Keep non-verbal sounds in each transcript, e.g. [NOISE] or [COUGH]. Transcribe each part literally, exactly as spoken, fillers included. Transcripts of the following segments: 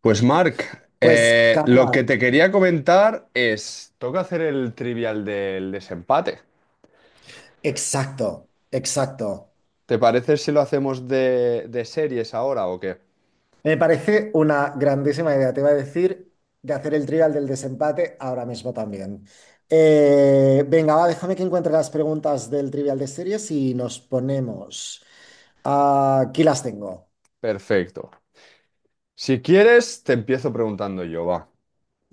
Pues Marc, Pues, eh, lo que Carla, te quería comentar es, toca hacer el trivial del desempate. exacto, exacto. ¿Te parece si lo hacemos de, de series ahora o qué? Me parece una grandísima idea. Te iba a decir de hacer el trivial del desempate ahora mismo también. Eh, venga, va, déjame que encuentre las preguntas del trivial de series y nos ponemos. Ah, aquí las tengo. Perfecto. Si quieres, te empiezo preguntando yo, va.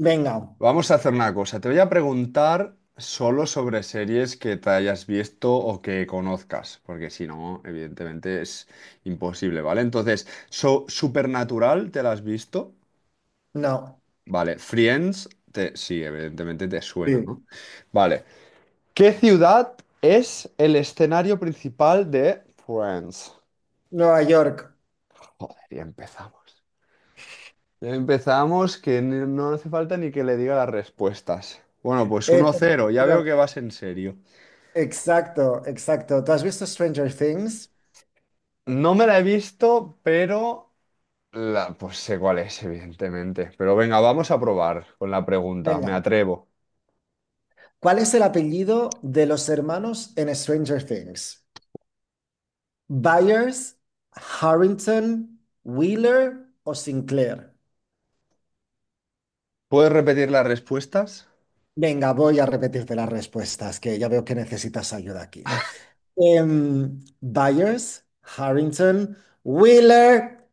Venga, Vamos a hacer una cosa. Te voy a preguntar solo sobre series que te hayas visto o que conozcas, porque si no, evidentemente es imposible, ¿vale? Entonces, so- Supernatural, ¿te la has visto? no. Vale, Friends, te- sí, evidentemente te suena, ¿no? Sí. Vale. ¿Qué ciudad es el escenario principal de Friends? Nueva York. Joder, ya empezamos. Ya empezamos que ni- no hace falta ni que le diga las respuestas. Bueno, pues uno Efectivamente. cero. Ya veo que vas en serio. Exacto, exacto. ¿Tú has visto Stranger Things? No me la he visto, pero la, pues sé cuál es, evidentemente. Pero venga, vamos a probar con la pregunta, me Venga. atrevo. ¿Cuál es el apellido de los hermanos en Stranger Things? Byers, Harrington, Wheeler o Sinclair. ¿Puedes repetir las respuestas? Venga, voy a repetirte las respuestas, que ya veo que necesitas ayuda aquí. Em, Byers, Harrington, Wheeler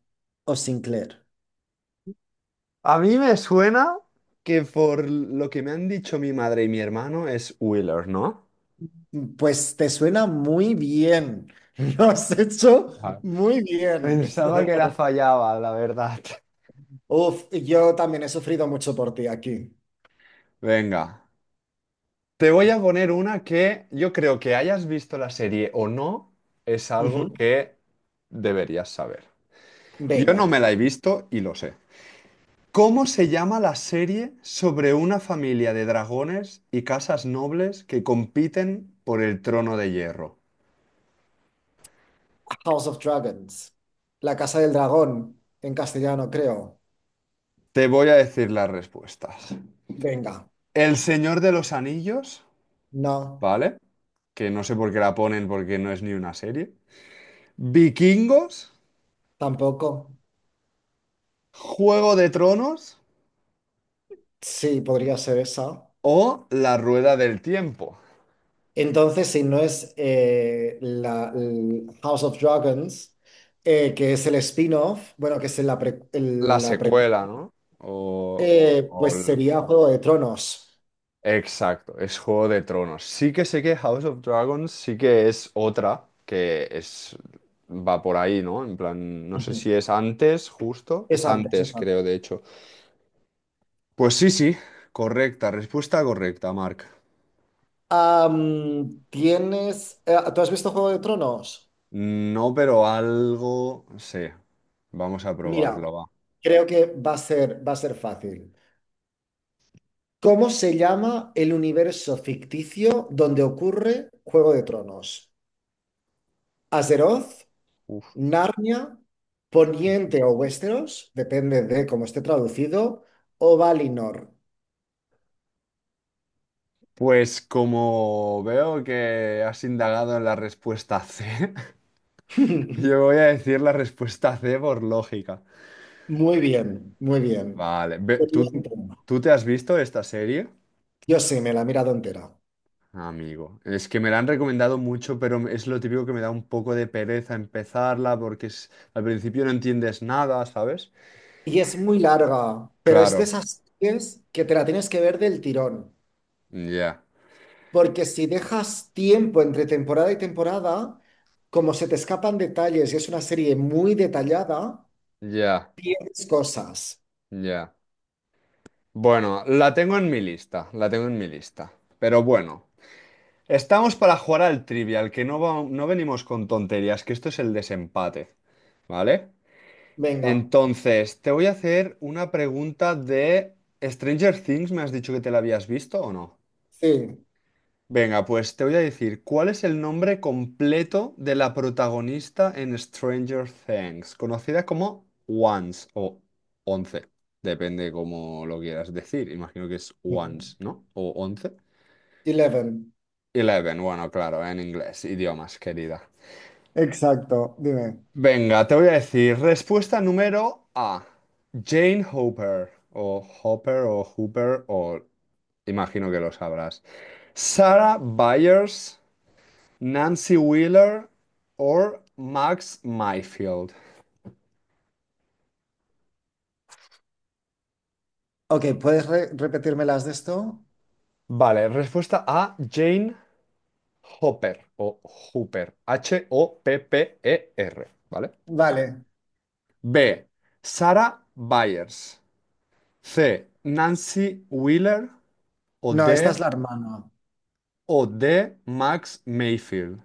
o Sinclair. A mí me suena que por lo que me han dicho mi madre y mi hermano es Wheeler, ¿no? Pues te suena muy bien. [LAUGHS] Lo has hecho Ajá. muy bien. Pensaba que la fallaba, la verdad. [LAUGHS] Uf, yo también he sufrido mucho por ti aquí. Venga, te voy a poner una que yo creo que hayas visto la serie o no, es algo Ujú. que deberías saber. Yo no Venga, me la he visto y lo sé. ¿Cómo se llama la serie sobre una familia de dragones y casas nobles que compiten por el trono de hierro? House of Dragons. La Casa del Dragón, en castellano, creo. Te voy a decir las respuestas. Venga, El Señor de los Anillos, no, ¿vale? Que no sé por qué la ponen porque no es ni una serie. Vikingos, tampoco. Juego de Tronos Sí, podría ser esa. o La Rueda del Tiempo. Entonces, si no es eh, la, el House of Dragons, eh, que es el spin-off, bueno, que es la pre- La el- la pre- secuela, ¿no? O, o- eh, o pues el- sería Juego de Tronos. Exacto, es Juego de Tronos. Sí que sé que House of Dragons sí que es otra que es va por ahí, ¿no? En plan, no sé Ujú. si es antes, justo. Es Es antes, antes, es creo, antes. de hecho. Pues sí, sí, correcta, respuesta correcta, Mark. Am, ¿tienes, eh, ¿tú has visto Juego de Tronos? No, pero algo no sé. Vamos a Mira, probarlo, va. creo que va a ser, va a ser fácil. ¿Cómo se llama el universo ficticio donde ocurre Juego de Tronos? ¿Azeroth? Uf. ¿Narnia? ¿Poniente o Westeros? Depende de cómo esté traducido. ¿O Valinor? Pues como veo que has indagado en la respuesta C, [LAUGHS] [LAUGHS] yo voy a decir la respuesta C por lógica. Muy bien, muy bien. Vale, ve- ¿tú, Poniente. tú te has visto esta serie? Yo sí, me la he mirado entera. Amigo, es que me la han recomendado mucho, pero es lo típico que me da un poco de pereza empezarla porque es, al principio no entiendes nada, ¿sabes? Y es muy larga, pero es de Claro, esas series que te la tienes que ver del tirón. ya, Porque si dejas tiempo entre temporada y temporada, como se te escapan detalles y es una serie muy detallada, ya, pierdes cosas. ya. Bueno, la tengo en mi lista, la tengo en mi lista. Pero bueno, estamos para jugar al trivial, que no, va- no venimos con tonterías, que esto es el desempate, ¿vale? Venga, Entonces, te voy a hacer una pregunta de Stranger Things, ¿me has dicho que te la habías visto o no? sí. Venga, pues te voy a decir, ¿cuál es el nombre completo de la protagonista en Stranger Things? Conocida como Once o Once, depende cómo lo quieras decir. Imagino que es Ujú. Once, ¿no? O Once. Eleven. Eleven, bueno, claro, en inglés, idiomas, querida. Exacto, dime. Venga, te voy a decir, respuesta número A, Jane Hopper, o Hopper, o Hooper, o imagino que lo sabrás. Sarah Byers. Nancy Wheeler o Max Mayfield. Ok, ¿puedes re- repetirme las de esto? Vale, respuesta A, Jane Hopper o Hooper, H O P P E R, ¿vale? Vale, B, Sarah Byers. C, Nancy Wheeler o no, esta D, es la hermana. o D, Max Mayfield.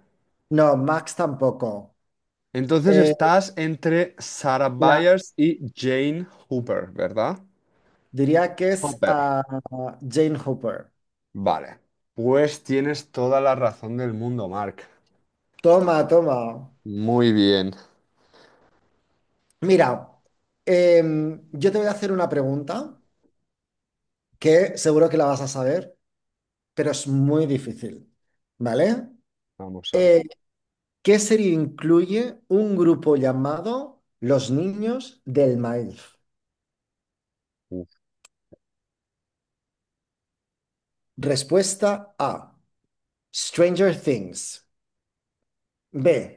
No, Max tampoco. Entonces Eh, estás entre Sarah la... Byers y Jane Hooper, ¿verdad? diría que es Hopper. a Jane Hooper. Vale. Pues tienes toda la razón del mundo, Mark. Toma, toma. Muy bien. Mira, em, yo te voy a hacer una pregunta, que seguro que la vas a saber, pero es muy difícil, ¿vale? Vamos a ver. Eh, ¿qué serie incluye un grupo llamado Los Niños del Maíz? Uf. Respuesta A, Stranger Things. B,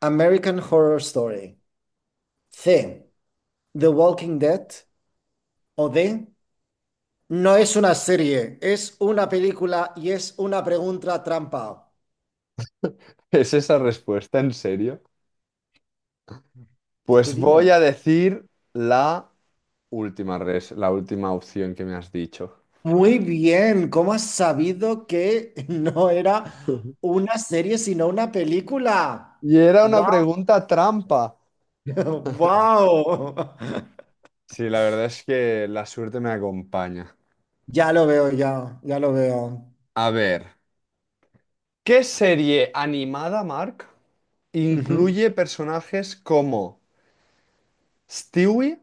American Horror Story. C, The Walking Dead. O D, no es una serie, es una película y es una pregunta trampa. [LAUGHS] ¿Es esa respuesta en serio? Tú Pues voy dime. a decir la última res, la última opción que me has dicho. Muy bien, ¿cómo has sabido que [LAUGHS] no era Ujú. una serie sino una película? Y era una ¡Wow! pregunta trampa. [LAUGHS] ¡Wow! Sí, la verdad es que la suerte me acompaña. Ya lo veo, ya, ya lo veo. A ver, ¿qué serie animada, Mark, Ujú. incluye personajes como Stewie,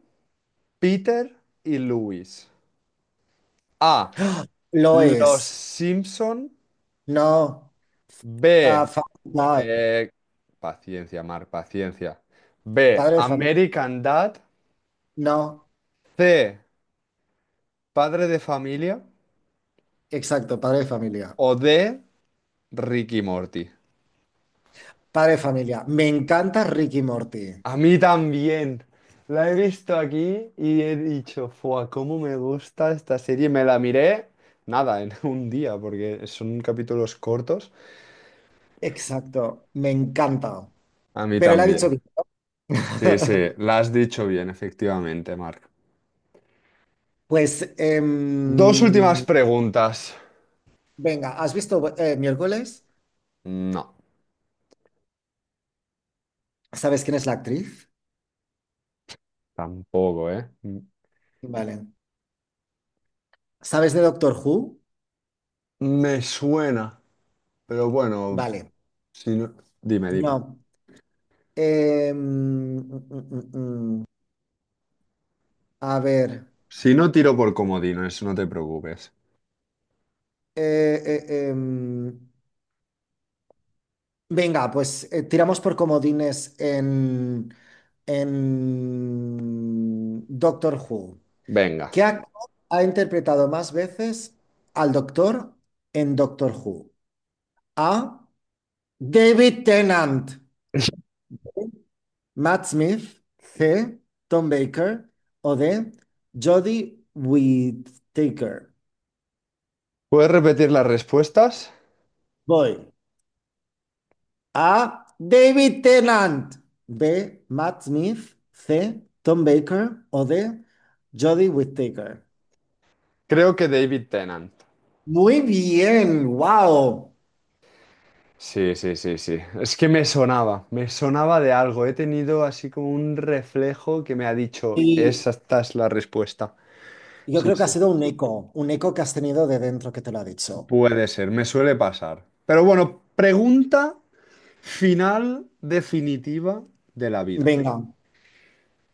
Peter y Louis? A. Lo Los es. Simpson. No, B. ah, fa- no, Eh, paciencia, Mar, paciencia. B, padre de familia. American Dad. No, C, Padre de Familia. exacto, padre de familia. O D, Ricky Morty. Padre de familia. Me encanta Ricky y Morty. A mí también. La he visto aquí y he dicho, ¡fua! ¿Cómo me gusta esta serie? Me la miré, nada, en [LAUGHS] un día, porque son capítulos cortos. Exacto, me encanta. A mí Pero la ha dicho también. bien. Sí, sí, [LAUGHS] la has dicho bien, efectivamente, Marc. Pues, eh, Dos últimas preguntas. venga, ¿has visto eh, miércoles? No, ¿Sabes quién es la actriz? tampoco, ¿eh? Vale. ¿Sabes de Doctor Who? Me suena. Pero bueno, Vale. si no... Dime, dime. No. Eh, mm, mm, mm, mm. A ver. Si no tiro por comodines, no te preocupes. Eh, eh, em, venga, pues eh, tiramos por comodines en, en Doctor Who. Venga. ¿Qué actor ha interpretado más veces al Doctor en Doctor Who? A. David Tennant. Matt Smith, C. Tom Baker o D. Jodie Whittaker. ¿Puedes repetir las respuestas? Voy. A. David Tennant. B. Matt Smith. C. Tom Baker o D. Jodie Whittaker. Creo que David Tennant. Muy bien, wow. Sí, sí, sí, sí. Es que me sonaba, me sonaba de algo. He tenido así como un reflejo que me ha dicho, Y esa esta es la respuesta. yo Sí, creo que ha sí. sido un eco, un eco que has tenido de dentro que te lo ha dicho. Puede ser, me suele pasar. Pero bueno, pregunta final definitiva de la vida. Venga.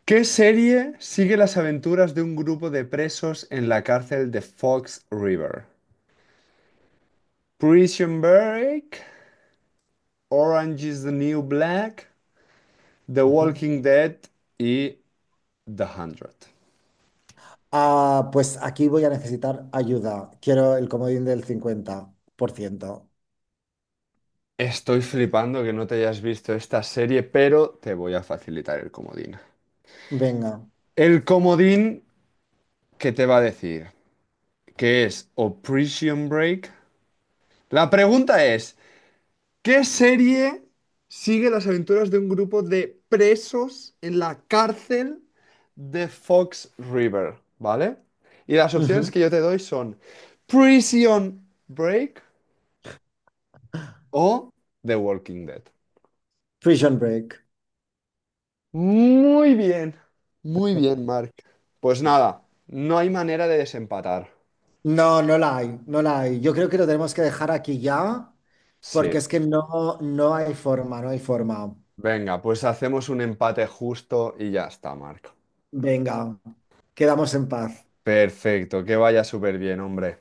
¿Qué serie sigue las aventuras de un grupo de presos en la cárcel de Fox River? Prison Break, Orange is the New Black, The Ujú. Walking Dead y The Hundred. Ah, pues aquí voy a necesitar ayuda. Quiero el comodín del cincuenta por ciento. Estoy flipando que no te hayas visto esta serie, pero te voy a facilitar el comodín. Venga. El comodín que te va a decir que es o Prison Break. La pregunta es, ¿Qué serie sigue las aventuras de un grupo de presos en la cárcel de Fox River? ¿Vale? Y las opciones Ujú. que yo te doy son Prison Break o The Walking Dead. Prison Break. Muy bien, muy bien, Mark. Pues nada, no hay manera de desempatar. No, no la hay, no la hay. Yo creo que lo tenemos que dejar aquí ya, Sí. porque es que no, no hay forma, no hay forma. Venga, pues hacemos un empate justo y ya está, Mark. Venga, quedamos en paz. Perfecto, que vaya súper bien, hombre.